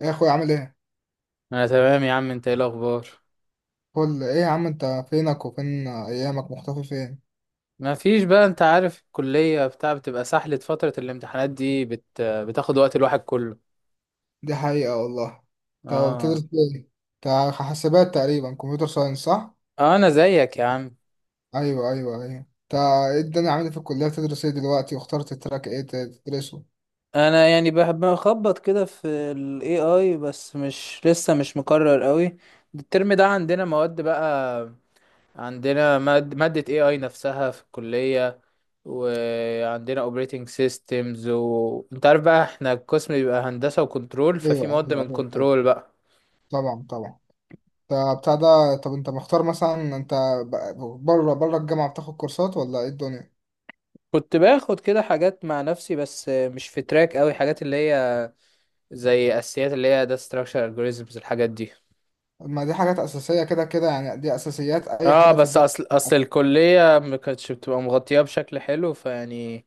إيه يا اخويا عامل ايه؟ انا تمام يا عم. انت ايه الاخبار؟ كل ايه يا عم، انت فينك وفين ايامك؟ مختفي فين؟ ما فيش بقى، انت عارف الكلية بتاع بتبقى سحلة، فترة الامتحانات دي بتاخد وقت الواحد كله. دي حقيقة والله. انت اه. بتدرس ايه؟ انت حاسبات تقريبا، كمبيوتر ساينس، صح؟ انا زيك يا عم. ايوه، ايوه، ايوه، انت ايه الدنيا؟ عامل إيه في الكلية؟ بتدرس ايه دلوقتي؟ واخترت التراك ايه تدرسه؟ انا يعني بحب اخبط كده في ال AI، بس مش لسه، مش مقرر قوي. الترم ده عندنا مواد بقى. عندنا مادة AI نفسها في الكلية. وعندنا اوبريتنج سيستمز انت عارف بقى احنا القسم بيبقى هندسة وكنترول، ايوه، ففي مواد ايوه، من ايوه. كنترول بقى. طبعا، طبعا. طبعا انت بتاع ده. طب انت مختار مثلا، انت بره بره الجامعة بتاخد كورسات، ولا ايه الدنيا؟ كنت باخد كده حاجات مع نفسي بس مش في تراك قوي، حاجات اللي هي زي اساسيات، اللي هي ده structure algorithms الحاجات دي. ما دي حاجات اساسية كده كده، يعني دي اساسيات اي اه حد في بس الدنيا. اصل الكلية ما كانتش بتبقى مغطية بشكل حلو، فيعني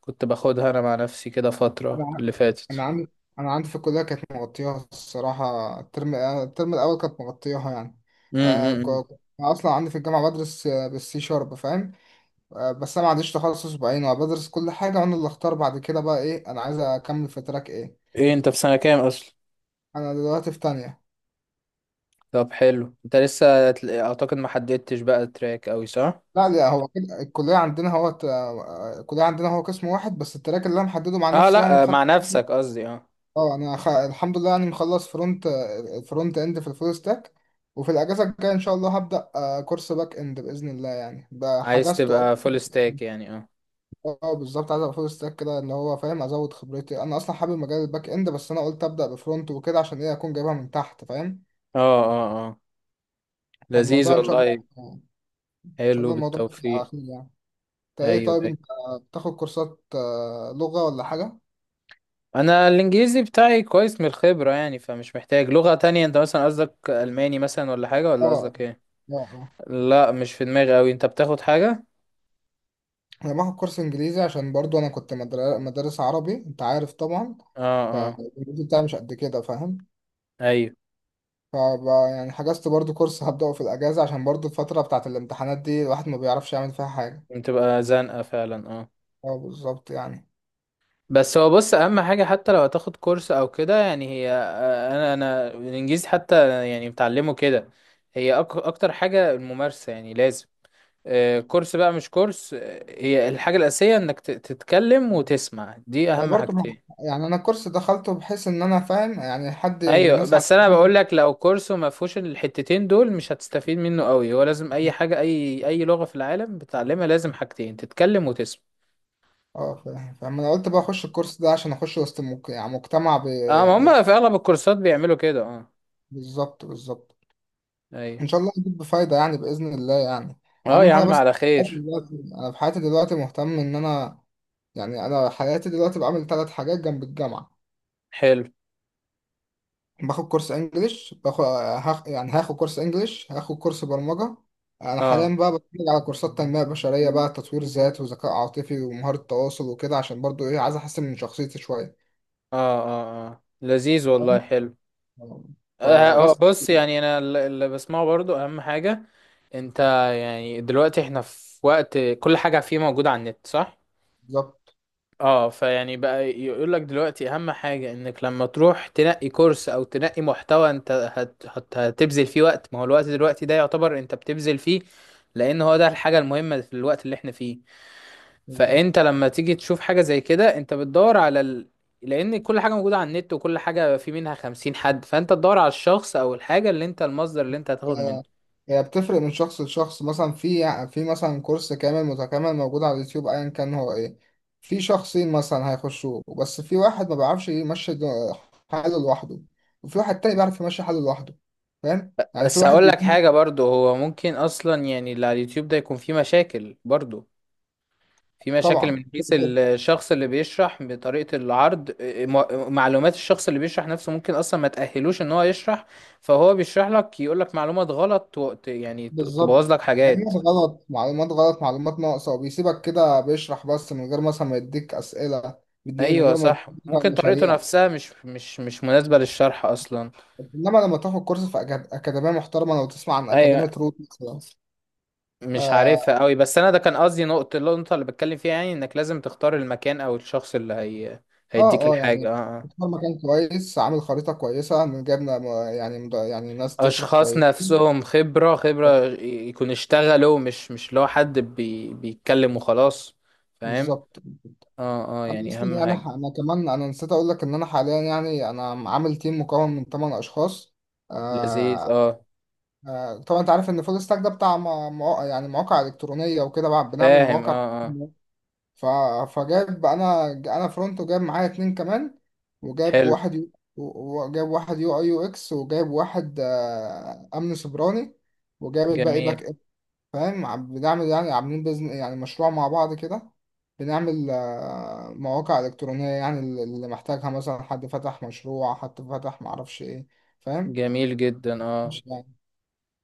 كنت باخدها انا مع نفسي كده فترة اللي انا فاتت. عندي انا عندي في الكليه كانت مغطياها الصراحه، الترم الاول كانت مغطياها يعني. امم. انا اصلا عندي في الجامعه بدرس بالسي شارب، فاهم؟ بس انا ما عنديش تخصص بعينه، انا بدرس كل حاجه وانا اللي اختار بعد كده بقى، ايه انا عايز اكمل في تراك ايه. ايه انت في سنة كام اصلا؟ انا دلوقتي في تانية. طب حلو، انت لسه اعتقد ما حددتش بقى تراك، قوي صح؟ لا، لا، هو كده الكليه عندنا هو الكليه عندنا هو قسم واحد، بس التراك اللي انا محدده مع اه نفسي يعني. لا، مع نفسك قصدي، اه. اه، انا الحمد لله يعني مخلص فرونت. فرونت اند في الفول ستاك. وفي الاجازه الجايه ان شاء الله هبدا كورس باك اند باذن الله، يعني بقى عايز حجزته. تبقى فول أصلاً. ستاك يعني، اه اه، بالظبط، عايز ابقى فول ستاك كده اللي هو فاهم، ازود خبرتي. انا اصلا حابب مجال الباك اند، بس انا قلت ابدا بفرونت وكده عشان ايه اكون جايبها من تحت، فاهم. اه اه اه، لذيذ فالموضوع ان شاء الله، والله، ان شاء حلو، الله الموضوع هيبقى على بالتوفيق. خير يعني. انت ايوه ايه؟ طيب ايوه. انت بتاخد كورسات لغه ولا حاجه؟ انا الانجليزي بتاعي كويس من الخبرة يعني، فمش محتاج لغة تانية. انت مثلا قصدك الماني مثلا ولا حاجة، ولا اه، قصدك ايه؟ اه، اه. لا مش في دماغي اوي. انت بتاخد حاجة؟ انا باخد كورس انجليزي عشان برضو انا كنت مدرس عربي، انت عارف طبعا. اه اه فالإنجليزي بتاعي مش قد كده، فاهم. ايوه. يعني حجزت برضو كورس هبدأه في الأجازة، عشان برضو الفترة بتاعت الامتحانات دي الواحد ما بيعرفش يعمل فيها حاجة. بتبقى زنقة فعلا، اه. اه، بالظبط يعني. بس هو بص، اهم حاجة حتى لو هتاخد كورس او كده، يعني هي، انا الانجليزي حتى يعني متعلمه كده. هي اكتر حاجة الممارسة يعني، لازم كورس بقى مش كورس، هي الحاجة الأساسية انك تتكلم وتسمع، دي أنا اهم برضو حاجتين. يعني أنا الكورس دخلته بحيث إن أنا فاهم، يعني حد ايوه الناس بس انا بقول لك لو كورسو ما فيهوش الحتتين دول مش هتستفيد منه قوي. هو لازم اي حاجه، اي اي لغه في العالم بتعلمها لازم حاجتين، تتكلم وتسمع. اه، فاهم فاهم. أنا قلت بقى أخش الكورس ده عشان أخش وسط يعني مجتمع اه، ما يعني. هم في اغلب الكورسات بيعملوا كده، اه. بالظبط، بالظبط. ايوه. ان شاء الله هتجيب بفايده يعني، باذن الله يعني. اه يا اهم حاجه عم بس على في حياتي خير. دلوقتي، انا في حياتي دلوقتي مهتم ان انا، يعني انا حياتي دلوقتي بعمل 3 حاجات جنب الجامعه. حلو. باخد كورس انجليش، باخد هاخ... يعني هاخد كورس انجليش، هاخد كورس برمجه. انا اه حاليا بقى بتفرج على كورسات تنميه بشريه بقى، تطوير ذات وذكاء عاطفي ومهاره تواصل وكده، عشان برضو ايه عايز احسن من شخصيتي شويه. اه اه اه، لذيذ والله، فاهم؟ حلو. آه فبس. بص يعني انا اللي بسمعه برضو اهم حاجه. انت، يعني دلوقتي احنا في وقت كل حاجه فيه موجوده على النت، صح؟ بالظبط. اه، فيعني بقى يقول لك دلوقتي اهم حاجة انك لما تروح تنقي كورس او تنقي محتوى، انت هت هتبذل فيه وقت. ما هو الوقت دلوقتي ده يعتبر انت بتبذل فيه، لان هو ده الحاجة المهمة في الوقت اللي احنا فيه. فانت لما تيجي تشوف حاجة زي كده انت بتدور على لان كل حاجة موجودة على النت، وكل حاجة في منها خمسين حد، فانت تدور على الشخص او الحاجة اللي انت، المصدر اللي انت هتاخد منه. آه، هي بتفرق من شخص لشخص، مثلا في، في مثلا كورس كامل متكامل موجود على اليوتيوب ايا كان هو ايه، في شخصين مثلا هيخشوه، بس في واحد ما بيعرفش يمشي حاله لوحده، وفي واحد تاني بيعرف يمشي حاله لوحده. فاهم يعني، في بس واحد هقول لك بيكون. حاجة برضو، هو ممكن اصلا يعني اللي على اليوتيوب ده يكون فيه مشاكل برضو. في مشاكل طبعا. من حيث الشخص اللي بيشرح بطريقة العرض، معلومات الشخص اللي بيشرح نفسه ممكن أصلا ما تأهلوش إن هو يشرح. فهو بيشرح لك، يقول لك معلومات غلط يعني بالظبط. تبوظ لك حاجات. معلومات غلط، معلومات غلط، معلومات ناقصة، وبيسيبك كده بيشرح بس من غير مثلا ما يديك أسئلة، بيديك من أيوة غير ما يديك، صح، ممكن مثلاً طريقته مشاريع. نفسها مش مناسبة للشرح أصلا. انما لما تاخد كورس في اكاديميه محترمه، لو تسمع عن أيوة، اكاديميه روت مثلا. مش اه، عارفها أوي بس أنا ده كان قصدي، نقطة النقطة اللي بتكلم فيها يعني، إنك لازم تختار المكان أو الشخص اللي هي اه. هيديك يعني الحاجة، اه آه. اختار مكان كويس، عامل خريطة كويسة من جبنا يعني يعني ناس تشرح اشخاص كويس. نفسهم خبرة يكون اشتغلوا، مش لو حد بيتكلم وخلاص. فاهم. بالظبط. اه اه انا يعني اصلا اهم يعني حاجة. انا كمان نسيت اقول لك ان انا حاليا، يعني انا عامل تيم مكون من 8 اشخاص. لذيذ آه. اه. آه، طبعا انت عارف ان فول ستاك ده بتاع مواقع، يعني مواقع الكترونية وكده، بنعمل فاهم مواقع. اه اه ف... فجاب انا فرونت، وجاب معايا اتنين كمان، وجاب حلو. وجاب واحد UI UX، وجاب واحد امن سيبراني، وجاب الباقي جميل باك اب. فاهم، بنعمل يعني عاملين يعني مشروع مع بعض كده. بنعمل مواقع الكترونيه يعني، اللي محتاجها، مثلا حد فتح مشروع، حد فتح معرفش ايه. فاهم جميل جدا، اه. مش يعني.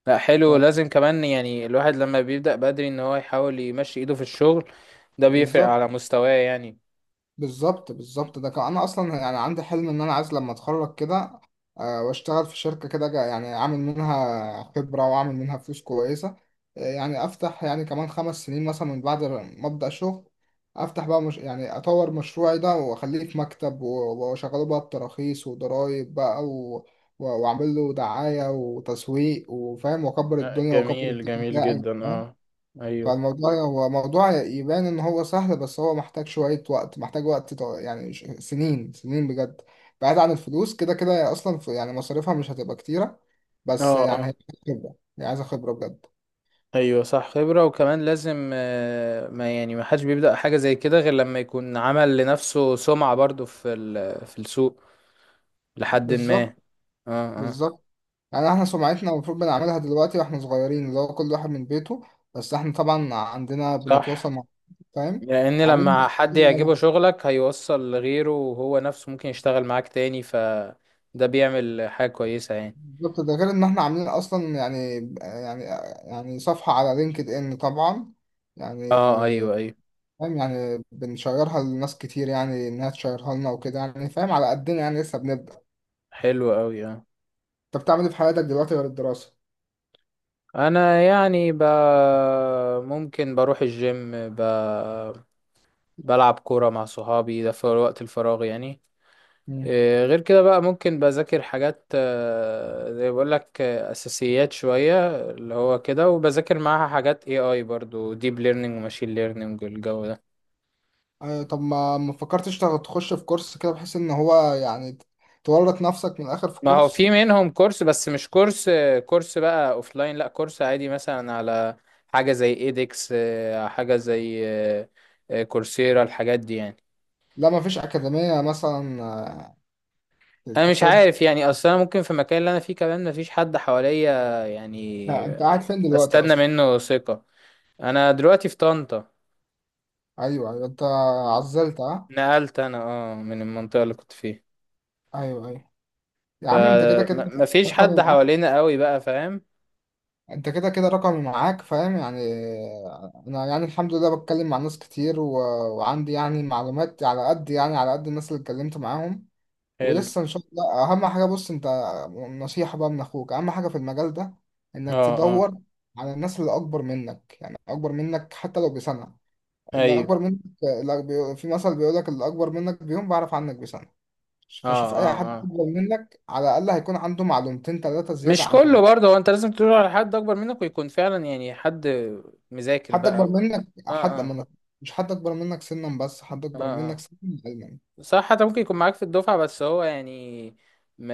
لا حلو، لازم كمان يعني الواحد لما بيبدأ بدري ان هو يحاول يمشي ايده في الشغل، ده بيفرق فبالظبط. على مستواه يعني. بالظبط، بالظبط. ده كان، انا اصلا يعني عندي حلم ان انا عايز لما اتخرج كده واشتغل في شركه كده، يعني اعمل منها خبره واعمل منها فلوس كويسه. يعني افتح، يعني كمان 5 سنين مثلا من بعد ما ابدا شغل، افتح بقى، مش يعني اطور مشروعي ده واخليه في مكتب واشغله بقى بتراخيص وضرايب بقى، واعمل له دعايه وتسويق، وفاهم، واكبر لا، الدنيا واكبر جميل التيم جميل بتاعي. جدا اه. ايوه فالموضوع هو موضوع يبان ان هو سهل، بس هو محتاج شوية وقت، محتاج وقت يعني سنين سنين بجد. بعيد عن الفلوس كده كده، هي اصلا يعني مصاريفها مش هتبقى كتيرة. بس اه. يعني هي خبرة، هي عايزة خبرة بجد. ايوه صح، خبرة. وكمان لازم ما يعني ما حدش بيبدأ حاجة زي كده غير لما يكون عمل لنفسه سمعة برضو في في السوق، لحد ما. بالظبط، اه اه بالظبط. يعني احنا سمعتنا المفروض بنعملها دلوقتي واحنا صغيرين، اللي هو كل واحد من بيته، بس احنا طبعا عندنا بنتواصل صح. مع، فاهم، لان عاملين. لما حد يعجبه شغلك هيوصل لغيره، وهو نفسه ممكن يشتغل معاك تاني، فده بيعمل حاجة كويسة يعني. بالظبط، ده غير ان احنا عاملين اصلا يعني، يعني، يعني صفحة على لينكد ان طبعا، يعني، اه ايوه ايوه. فاهم يعني، بنشيرها لناس كتير يعني انها تشيرها لنا وكده، يعني فاهم، على قدنا يعني لسه بنبدأ. حلو قوي اه. انت بتعمل ايه في حياتك دلوقتي غير الدراسة؟ انا يعني ممكن بروح الجيم، بلعب كورة مع صحابي ده في وقت الفراغ يعني. مم. إيه، غير كده بقى ممكن بذاكر حاجات زي بقول لك اساسيات شويه اللي هو كده، وبذاكر معاها حاجات اي اي برضو، ديب ليرنينج وماشين ليرنينج والجو ده. طب ما فكرتش تخش في كورس كده، بحيث ان هو يعني تورط نفسك من الاخر في ما هو كورس؟ في منهم كورس، بس مش كورس كورس بقى اوفلاين، لا كورس عادي مثلا على حاجه زي ايدكس، حاجه زي كورسيرا، الحاجات دي يعني. لا، ما فيش اكاديمية مثلا انا مش تاخد؟ عارف يعني اصلا، ممكن في المكان اللي انا فيه كمان مفيش حد حواليا لا، يعني. انت قاعد فين دلوقتي استنى اصلا؟ منه ثقه. انا دلوقتي في طنطا. ايوه، ايوه، انت عزلت، ها؟ نقلت انا اه من المنطقة اللي كنت فيها. ايوه، ايوه. يا عم انت كده كده فما فيش حد رقمي معاك، حوالينا قوي بقى، فاهم. انت كده كده رقمي معاك، فاهم يعني. انا يعني الحمد لله بتكلم مع ناس كتير و، وعندي يعني معلومات على قد، يعني على قد الناس اللي اتكلمت معاهم، حلو ولسه ان شاء الله. اهم حاجة بص انت، نصيحة بقى من اخوك، اهم حاجة في المجال ده، اه انك اه تدور على الناس اللي اكبر منك، يعني اكبر منك حتى لو بسنة، اللي ايوه اكبر منك، في مثل بيقول لك اللي اكبر منك بيوم بعرف عنك بسنة. اه فشوف اي اه حد اه. اكبر منك، على الاقل هيكون عنده معلومتين ثلاثة زيادة مش كله عنك. برضه، هو انت لازم تدور على حد اكبر منك ويكون فعلا يعني حد مذاكر حد اكبر بقى. منك، اه حد اه منك، مش حد اكبر منك سنا، بس حد اه اكبر منك سنا، علما. اه صح، حتى ممكن يكون معاك في الدفعة، بس هو يعني، ما،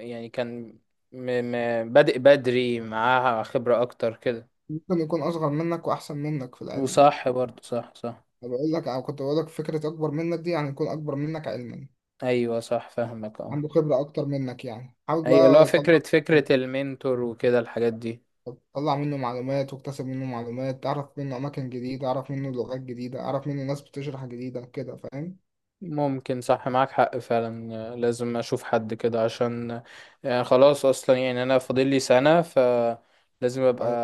يعني كان، ما بادئ بدري معاها خبرة اكتر كده. ممكن يكون اصغر منك واحسن منك في العلم. وصح برضه، صح صح. أنا بقول لك، أو كنت بقول لك، فكره اكبر منك دي يعني يكون اكبر منك علما، ايوه صح، فاهمك اه. عنده خبره اكتر منك، يعني حاول ايوه اللي هو بقى تطلع، فكرة، فكرة المنتور وكده الحاجات دي. تطلع منه معلومات واكتسب منه معلومات، تعرف منه اماكن جديده، اعرف منه لغات جديده، اعرف منه ناس بتشرح جديده كده، فاهم. ممكن صح، معاك حق فعلا، لازم اشوف حد كده عشان يعني خلاص، اصلا يعني انا فاضل لي سنة، فلازم ابقى أيوة.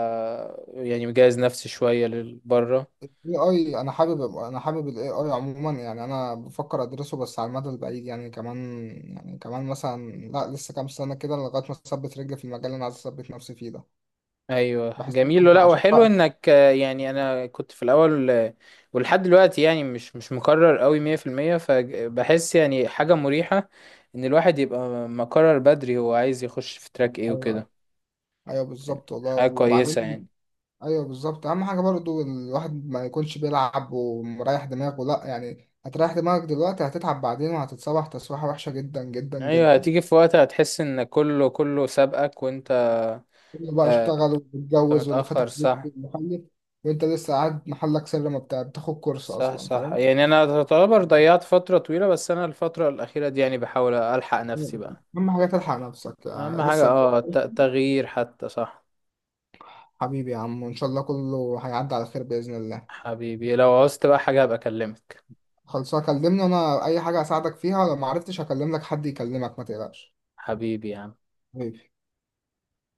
يعني مجهز نفسي شوية للبره. الاي اي انا حابب، انا حابب الاي اي عموما، يعني انا بفكر ادرسه بس على المدى البعيد، يعني كمان، يعني كمان مثلا، لا لسه كام سنه كده لغايه ما اثبت رجلي في المجال اللي انا عايز اثبت نفسي فيه ده. ايوه بحس إن جميل. أنا لا عشان وحلو بقى، انك يعني انا كنت في الاول ولحد دلوقتي يعني مش مقرر قوي 100%. فبحس يعني حاجة مريحة ان الواحد يبقى مقرر بدري هو عايز يخش في تراك ايه ايوه، وكده، ايوه، يعني بالظبط والله. حاجة كويسة يعني. وبعدين، ايوه بالظبط. اهم حاجه برضو الواحد ما يكونش بيلعب ومريح دماغه، لا يعني هتريح دماغك دلوقتي هتتعب بعدين، وهتتصبح تسويحه وحشه جدا جدا ايوه جدا. هتيجي في وقت هتحس ان كله سابقك وانت، كله بقى آه، اشتغل انت واتجوز، واللي فتح متأخر، بيت صح. محلك، وانت لسه قاعد محلك سر ما بتاع بتاخد كورس صح اصلا، صح، فاهم. يعني انا تعتبر ضيعت فترة طويلة، بس انا الفترة الأخيرة دي يعني بحاول الحق نفسي بقى. اهم حاجه تلحق نفسك، اهم يعني حاجة لسه اه قدامك. تغيير حتى، صح. حبيبي يا عم، وان شاء الله كله هيعدي على خير باذن الله. حبيبي لو عوزت بقى حاجة هبقى اكلمك. خلصها كلمني انا، اي حاجه اساعدك فيها، لو ما عرفتش هكلم لك حد يكلمك ما تقلقش. حبيبي يا عم. حبيبي.